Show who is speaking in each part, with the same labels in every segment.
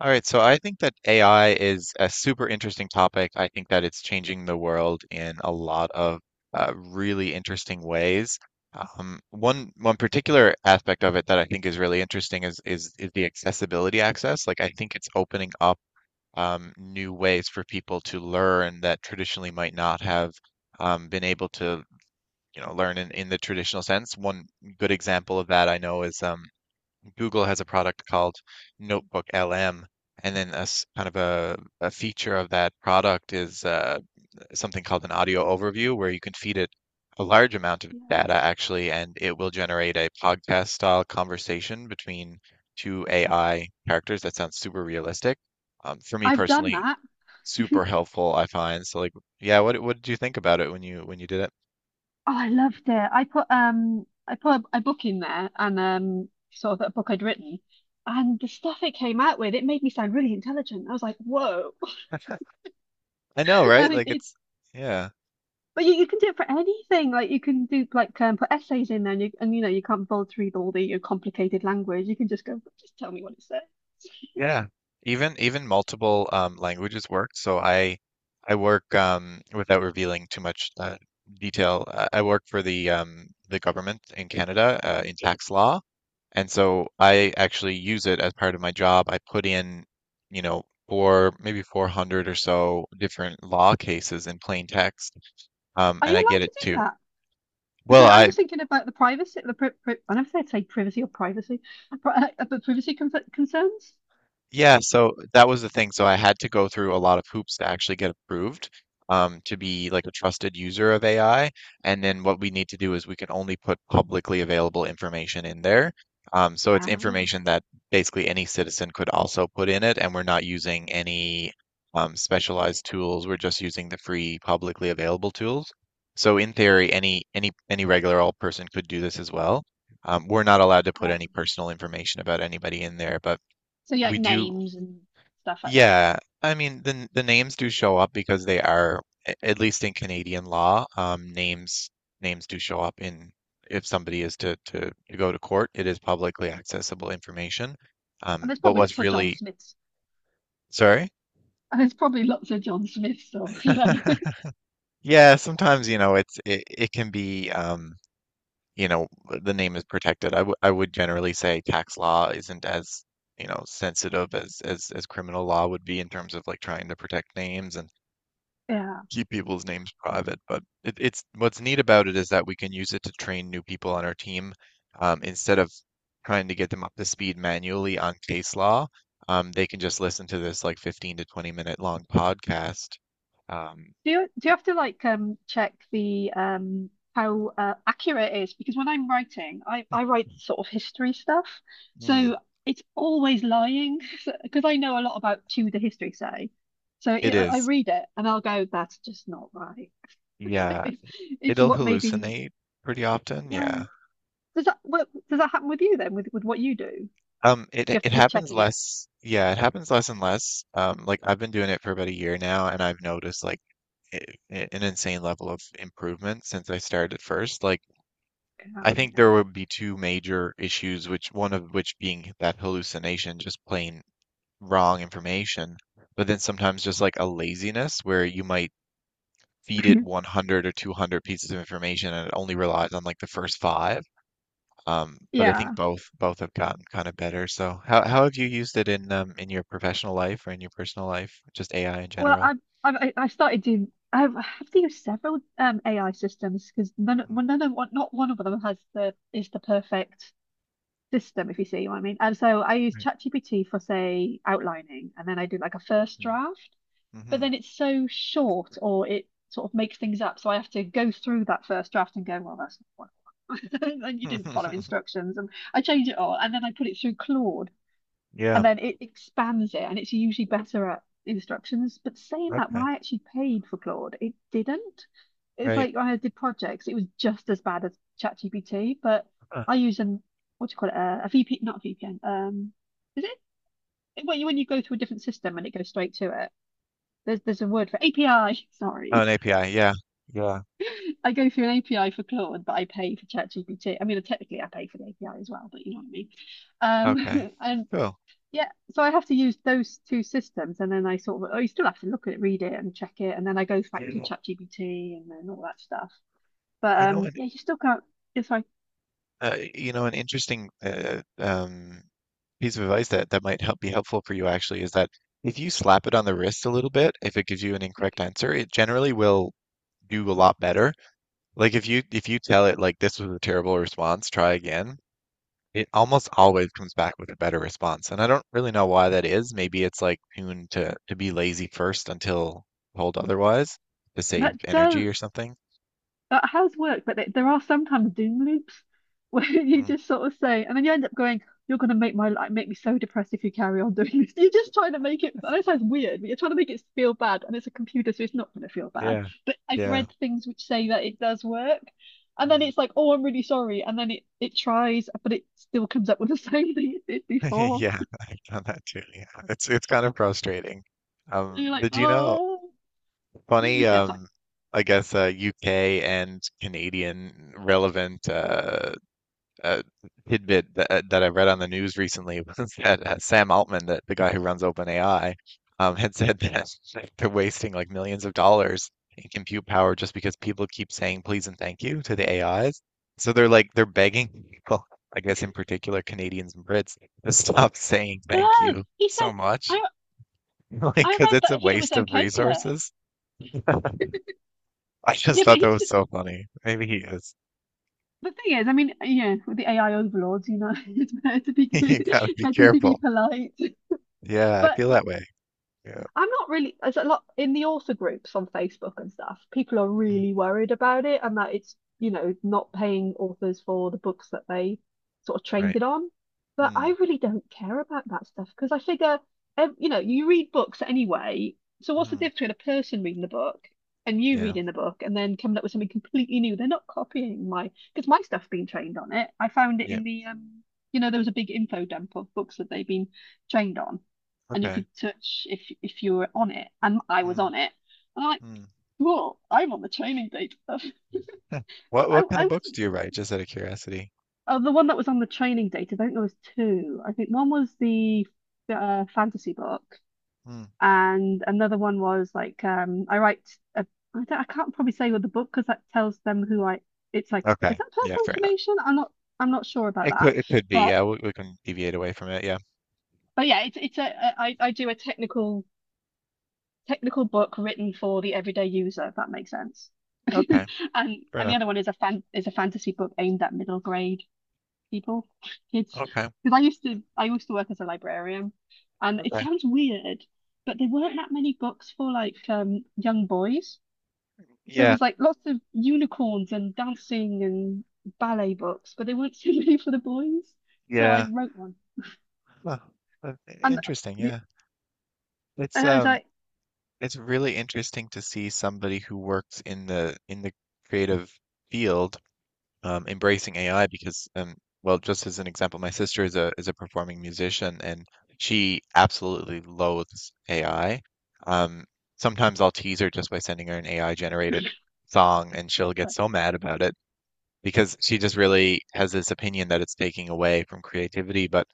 Speaker 1: All right, so I think that AI is a super interesting topic. I think that it's changing the world in a lot of really interesting ways. One particular aspect of it that I think is really interesting is the accessibility access. Like I think it's opening up new ways for people to learn that traditionally might not have been able to, you know, learn in the traditional sense. One good example of that I know is Google has a product called Notebook LM, and then kind of a feature of that product is something called an audio overview, where you can feed it a large amount of
Speaker 2: Yeah.
Speaker 1: data actually, and it will generate a podcast style conversation between two AI characters that sounds super realistic. For me
Speaker 2: I've done
Speaker 1: personally,
Speaker 2: that.
Speaker 1: super helpful, I find. So like, yeah, what did you think about it when you did
Speaker 2: Oh, I loved it. I put a book in there and sort of a book I'd written, and the stuff it came out with, it made me sound really intelligent. I was like, whoa.
Speaker 1: it? I know, right?
Speaker 2: And it,
Speaker 1: Like
Speaker 2: it-
Speaker 1: it's yeah.
Speaker 2: but you can do it for anything. Like you can do like put essays in there and you know you can't bullet through all the your complicated language. You can just go, just tell me what it says.
Speaker 1: Yeah, even multiple languages work. So I work without revealing too much detail. I work for the government in Canada in tax law, and so I actually use it as part of my job. I put in, you know, four maybe 400 or so different law cases in plain text,
Speaker 2: Are
Speaker 1: and
Speaker 2: you
Speaker 1: I get
Speaker 2: allowed
Speaker 1: it
Speaker 2: to do
Speaker 1: to.
Speaker 2: that?
Speaker 1: Well,
Speaker 2: Because I was
Speaker 1: I
Speaker 2: just thinking about the privacy, the pri pri I never say privacy or privacy, but, but privacy concerns.
Speaker 1: yeah, so that was the thing. So I had to go through a lot of hoops to actually get approved to be like a trusted user of AI. And then what we need to do is we can only put publicly available information in there. So it's
Speaker 2: Um,
Speaker 1: information that basically any citizen could also put in it, and we're not using any specialized tools. We're just using the free publicly available tools. So in theory, any regular old person could do this as well. We're not allowed to put
Speaker 2: right.
Speaker 1: any personal information about anybody in there, but
Speaker 2: So yeah, like
Speaker 1: we do
Speaker 2: names and stuff like that.
Speaker 1: yeah, I mean the names do show up because they are, at least in Canadian law, names do show up in if somebody is to, to go to court, it is publicly accessible information.
Speaker 2: And
Speaker 1: Um,
Speaker 2: there's
Speaker 1: but
Speaker 2: probably
Speaker 1: what's
Speaker 2: lots of John
Speaker 1: really
Speaker 2: Smiths.
Speaker 1: sorry?
Speaker 2: And there's probably lots of John Smiths or you know.
Speaker 1: Yeah, sometimes you know it's it can be you know the name is protected. I would generally say tax law isn't as you know sensitive as as criminal law would be in terms of like trying to protect names and
Speaker 2: Yeah.
Speaker 1: keep people's names private, but it's what's neat about it is that we can use it to train new people on our team instead of trying to get them up to speed manually on case law. They can just listen to this like 15 to 20 minute long podcast. Um,
Speaker 2: Do you have to like check the how accurate it is? Because when I'm writing, I write sort of history stuff.
Speaker 1: hmm,
Speaker 2: So it's always lying because I know a lot about Tudor history, say. So
Speaker 1: it
Speaker 2: I
Speaker 1: is,
Speaker 2: read it and I'll go, that's just not right. It's, like,
Speaker 1: yeah,
Speaker 2: it's
Speaker 1: it'll
Speaker 2: what maybe,
Speaker 1: hallucinate pretty often,
Speaker 2: yeah.
Speaker 1: yeah.
Speaker 2: Does that happen with you then, with what you do?
Speaker 1: It
Speaker 2: You have to
Speaker 1: it
Speaker 2: keep
Speaker 1: happens
Speaker 2: checking it.
Speaker 1: less, yeah, it happens less and less. Like I've been doing it for about a year now, and I've noticed like i- an insane level of improvement since I started first. Like, I
Speaker 2: Oh,
Speaker 1: think there would be two major issues, which one of which being that hallucination, just plain wrong information, but then sometimes just like a laziness where you might feed
Speaker 2: yeah.
Speaker 1: it 100 or 200 pieces of information and it only relies on like the first five. But I
Speaker 2: Yeah.
Speaker 1: think both have gotten kind of better. So how have you used it in your professional life or in your personal life, just AI in
Speaker 2: Well,
Speaker 1: general?
Speaker 2: I started doing I've I have to use several AI systems because none
Speaker 1: Mm,
Speaker 2: well, none of one not one of them has the is the perfect system, if you see what I mean. And so I use
Speaker 1: right.
Speaker 2: ChatGPT for say outlining, and then I do like a first draft, but
Speaker 1: Mm-hmm.
Speaker 2: then it's so short or it sort of makes things up. So I have to go through that first draft and go, well, that's not what and you didn't follow instructions, and I change it all, and then I put it through Claude,
Speaker 1: Yeah.
Speaker 2: and then it expands it, and it's usually better at instructions. But saying that, when
Speaker 1: Okay,
Speaker 2: I actually paid for Claude, it didn't. It's
Speaker 1: right.
Speaker 2: like when I did projects, it was just as bad as ChatGPT, but
Speaker 1: Huh.
Speaker 2: I use an what do you call it? A VP, not a VPN. Is it when you go through a different system and it goes straight to it? There's a word for API.
Speaker 1: Oh, an
Speaker 2: Sorry,
Speaker 1: API. Yeah, yeah.
Speaker 2: I go through an API for Claude, but I pay for ChatGPT. I mean, technically I pay for the API as well, but you know what I mean.
Speaker 1: Okay,
Speaker 2: And
Speaker 1: cool.
Speaker 2: yeah, so I have to use those two systems, and then I sort of oh, you still have to look at it, read it, and check it, and then I go back to
Speaker 1: Yeah.
Speaker 2: ChatGPT and then all that stuff. But
Speaker 1: You know what?
Speaker 2: yeah, you still can't. It's like
Speaker 1: An interesting piece of advice that might help be helpful for you actually is that if you slap it on the wrist a little bit, if it gives you an incorrect answer, it generally will do a lot better. Like if you tell it like this was a terrible response, try again. It almost always comes back with a better response, and I don't really know why that is. Maybe it's like tuned to be lazy first until told otherwise to save
Speaker 2: that does
Speaker 1: energy or something.
Speaker 2: that has worked, but there are sometimes doom loops where you
Speaker 1: Mm,
Speaker 2: just sort of say, and then you end up going, "You're going to make my life make me so depressed if you carry on doing this." You're just trying to make it. I know it sounds weird, but you're trying to make it feel bad, and it's a computer, so it's not going to feel bad.
Speaker 1: yeah,
Speaker 2: But I've
Speaker 1: yeah,
Speaker 2: read things which say that it does work, and then
Speaker 1: mm.
Speaker 2: it's like, "Oh, I'm really sorry," and then it tries, but it still comes up with the same thing it did before.
Speaker 1: Yeah, I've done that too. Yeah, it's kind of frustrating.
Speaker 2: And
Speaker 1: Um,
Speaker 2: you're like,
Speaker 1: did you know
Speaker 2: "Oh,
Speaker 1: funny?
Speaker 2: yeah, sorry."
Speaker 1: I guess UK and Canadian relevant uh, tidbit that that I read on the news recently was that Sam Altman, that the guy who runs OpenAI, had said that they're wasting like millions of dollars in compute power just because people keep saying please and thank you to the AIs. So they're like they're begging people, I guess in particular Canadians and Brits, to stop saying
Speaker 2: No,
Speaker 1: thank you
Speaker 2: he said,
Speaker 1: so much,
Speaker 2: I
Speaker 1: like
Speaker 2: I
Speaker 1: because
Speaker 2: read
Speaker 1: it's a
Speaker 2: that he was
Speaker 1: waste of
Speaker 2: okay with it.
Speaker 1: resources. I just
Speaker 2: Yeah, but
Speaker 1: thought that
Speaker 2: he
Speaker 1: was so funny. Maybe he is.
Speaker 2: The thing is, I mean, yeah, with the AI overlords, you know, it's better to be
Speaker 1: You
Speaker 2: good,
Speaker 1: gotta be
Speaker 2: better to be
Speaker 1: careful.
Speaker 2: polite.
Speaker 1: Yeah, I
Speaker 2: But
Speaker 1: feel that way. Yeah.
Speaker 2: I'm not really, there's a lot in the author groups on Facebook and stuff. People are
Speaker 1: Mm.
Speaker 2: really worried about it and that it's, you know, not paying authors for the books that they sort of
Speaker 1: Right.
Speaker 2: trained on. But I
Speaker 1: Mm,
Speaker 2: really don't care about that stuff because I figure, you know, you read books anyway. So what's the
Speaker 1: mhm.
Speaker 2: difference between a person reading the book and you
Speaker 1: Yeah.
Speaker 2: reading the book and then coming up with something completely new? They're not copying my, because my stuff's been trained on it. I found it in
Speaker 1: Yep.
Speaker 2: the, you know, there was a big info dump of books that they've been trained on, and you
Speaker 1: Okay.
Speaker 2: could touch if you were on it, and I was
Speaker 1: Mm,
Speaker 2: on it. And I'm like,
Speaker 1: mm.
Speaker 2: whoa, I'm on the training data stuff.
Speaker 1: Huh.
Speaker 2: But
Speaker 1: What what kind
Speaker 2: I
Speaker 1: of books
Speaker 2: wasn't.
Speaker 1: do you write? Just out of curiosity.
Speaker 2: Oh, the one that was on the training data, I think there was two. I think one was the fantasy book,
Speaker 1: Mm,
Speaker 2: and another one was like I write. A, I don't, I can't probably say with the book because that tells them who I. It's like is
Speaker 1: okay.
Speaker 2: that
Speaker 1: Yeah,
Speaker 2: personal
Speaker 1: fair enough.
Speaker 2: information? I'm not. I'm not sure about that,
Speaker 1: It could be.
Speaker 2: but
Speaker 1: Yeah, we can deviate away from it. Yeah.
Speaker 2: but yeah, it's a I do a technical book written for the everyday user, if that makes sense.
Speaker 1: Okay.
Speaker 2: and
Speaker 1: Fair
Speaker 2: and the
Speaker 1: enough.
Speaker 2: other one is a fantasy book aimed at middle grade people, kids.
Speaker 1: Okay.
Speaker 2: Because I used to work as a librarian, and it
Speaker 1: Okay.
Speaker 2: sounds weird, but there weren't that many books for like young boys. There
Speaker 1: Yeah.
Speaker 2: was like lots of unicorns and dancing and ballet books, but there weren't so many for the boys. So I
Speaker 1: Yeah.
Speaker 2: wrote one,
Speaker 1: Huh.
Speaker 2: and
Speaker 1: Interesting.
Speaker 2: the
Speaker 1: Yeah. It's
Speaker 2: as
Speaker 1: um
Speaker 2: I
Speaker 1: it's really interesting to see somebody who works in the creative field embracing AI because, well, just as an example, my sister is a performing musician and she absolutely loathes AI. Um, Sometimes I'll tease her just by sending her an AI generated song, and she'll
Speaker 2: uh,
Speaker 1: get so mad about it because she just really has this opinion that it's taking away from creativity. But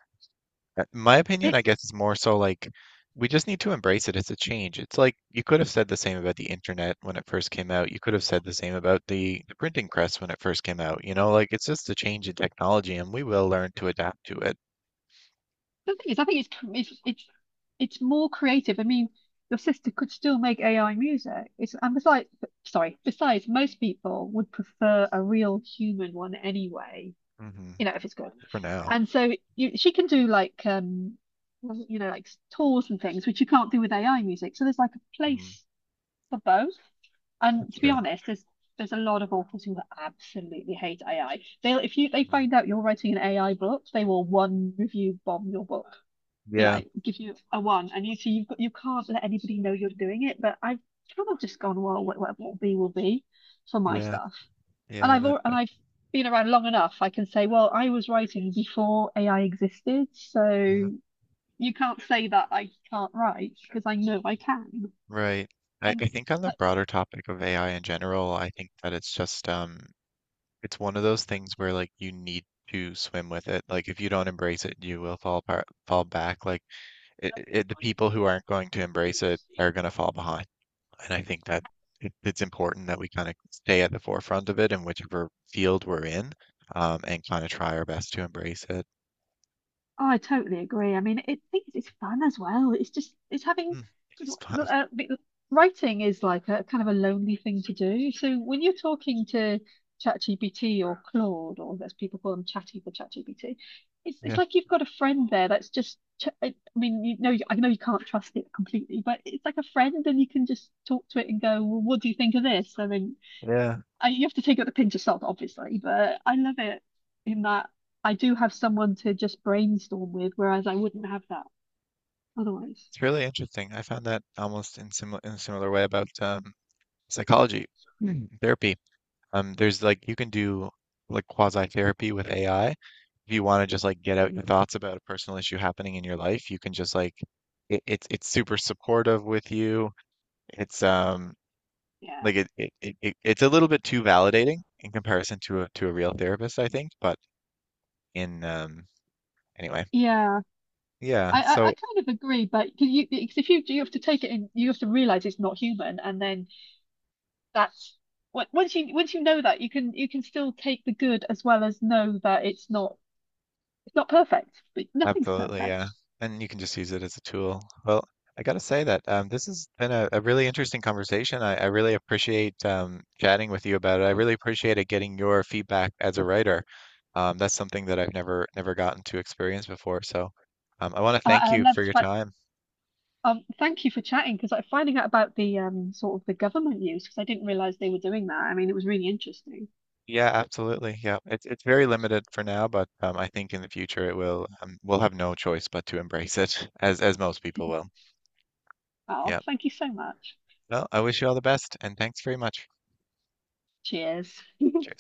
Speaker 1: my opinion, I
Speaker 2: it's
Speaker 1: guess, is more so like we just need to embrace it. It's a change. It's like you could have said the same about the internet when it first came out. You could have said the same about the printing press when it first came out. You know, like it's just a change in technology, and we will learn to adapt to it.
Speaker 2: the thing is, I think it's more creative. I mean, your sister could still make AI music. It's and besides, sorry, besides, most people would prefer a real human one anyway.
Speaker 1: Hmm.
Speaker 2: You know, if it's good.
Speaker 1: For now,
Speaker 2: And so you, she can do like you know, like tours and things, which you can't do with AI music. So there's like a
Speaker 1: mm,
Speaker 2: place for both. And
Speaker 1: that's
Speaker 2: to be
Speaker 1: true.
Speaker 2: honest, there's a lot of authors who absolutely hate AI. They'll if you they
Speaker 1: Mm.
Speaker 2: find out you're writing an AI book, they will one review bomb your book, you know,
Speaker 1: Yeah,
Speaker 2: I give you a one, and you see you've got you can't let anybody know you're doing it. But I've kind of just gone, well, whatever will be for my
Speaker 1: yeah,
Speaker 2: stuff, and
Speaker 1: yeah.
Speaker 2: I've all, and I've been around long enough. I can say, well, I was writing before AI existed,
Speaker 1: That.
Speaker 2: so you can't say that I can't write because I know I can.
Speaker 1: Right.
Speaker 2: And
Speaker 1: I think on the
Speaker 2: that,
Speaker 1: broader topic of AI in general, I think that it's just it's one of those things where like you need to swim with it. Like if you don't embrace it, you will fall apart, fall back. Like
Speaker 2: that
Speaker 1: the people who aren't going to embrace it are going to fall behind. And I think that it's important that we kind of stay at the forefront of it in whichever field we're in, and kind of try our best to embrace it.
Speaker 2: Oh, I totally agree. I mean, it's fun as well. It's just it's having
Speaker 1: Hmm, it is
Speaker 2: because
Speaker 1: fun.
Speaker 2: uh, b- writing is like a kind of a lonely thing to do. So when you're talking to ChatGPT or Claude, or as people call them, Chatty for ChatGPT, it's
Speaker 1: Yeah.
Speaker 2: like you've got a friend there that's just. Ch I mean, you know, I know you can't trust it completely, but it's like a friend, and you can just talk to it and go, "Well, what do you think of this?" And then
Speaker 1: Yeah.
Speaker 2: I, you have to take it with a pinch of salt, obviously, but I love it in that I do have someone to just brainstorm with, whereas I wouldn't have that otherwise.
Speaker 1: It's really interesting. I found that almost in similar in a similar way about psychology, hmm, therapy. There's like you can do like quasi therapy with AI. If you want to just like get out your thoughts about a personal issue happening in your life, you can just like it's super supportive with you. It's
Speaker 2: Yeah,
Speaker 1: Like it's a little bit too validating in comparison to a real therapist, I think. But in anyway,
Speaker 2: yeah.
Speaker 1: yeah.
Speaker 2: I
Speaker 1: So
Speaker 2: kind of agree, but because you, because if you you have to take it in, you have to realize it's not human, and then that's what once you know that you can still take the good as well as know that it's not perfect, but nothing's
Speaker 1: absolutely,
Speaker 2: perfect.
Speaker 1: yeah. And you can just use it as a tool. Well, I gotta say that this has been a really interesting conversation. I really appreciate chatting with you about it. I really appreciated getting your feedback as a writer. That's something that I've never gotten to experience before. So I want to thank
Speaker 2: I
Speaker 1: you for
Speaker 2: loved
Speaker 1: your
Speaker 2: like,
Speaker 1: time.
Speaker 2: um, thank you for chatting because like finding out about the sort of the government use, because I didn't realize they were doing that. I mean, it was really interesting.
Speaker 1: Yeah, absolutely. Yeah, it's very limited for now, but I think in the future it will we'll have no choice but to embrace it, as most people will.
Speaker 2: Oh,
Speaker 1: Yeah.
Speaker 2: thank you so much.
Speaker 1: Well, I wish you all the best, and thanks very much.
Speaker 2: Cheers.
Speaker 1: Cheers.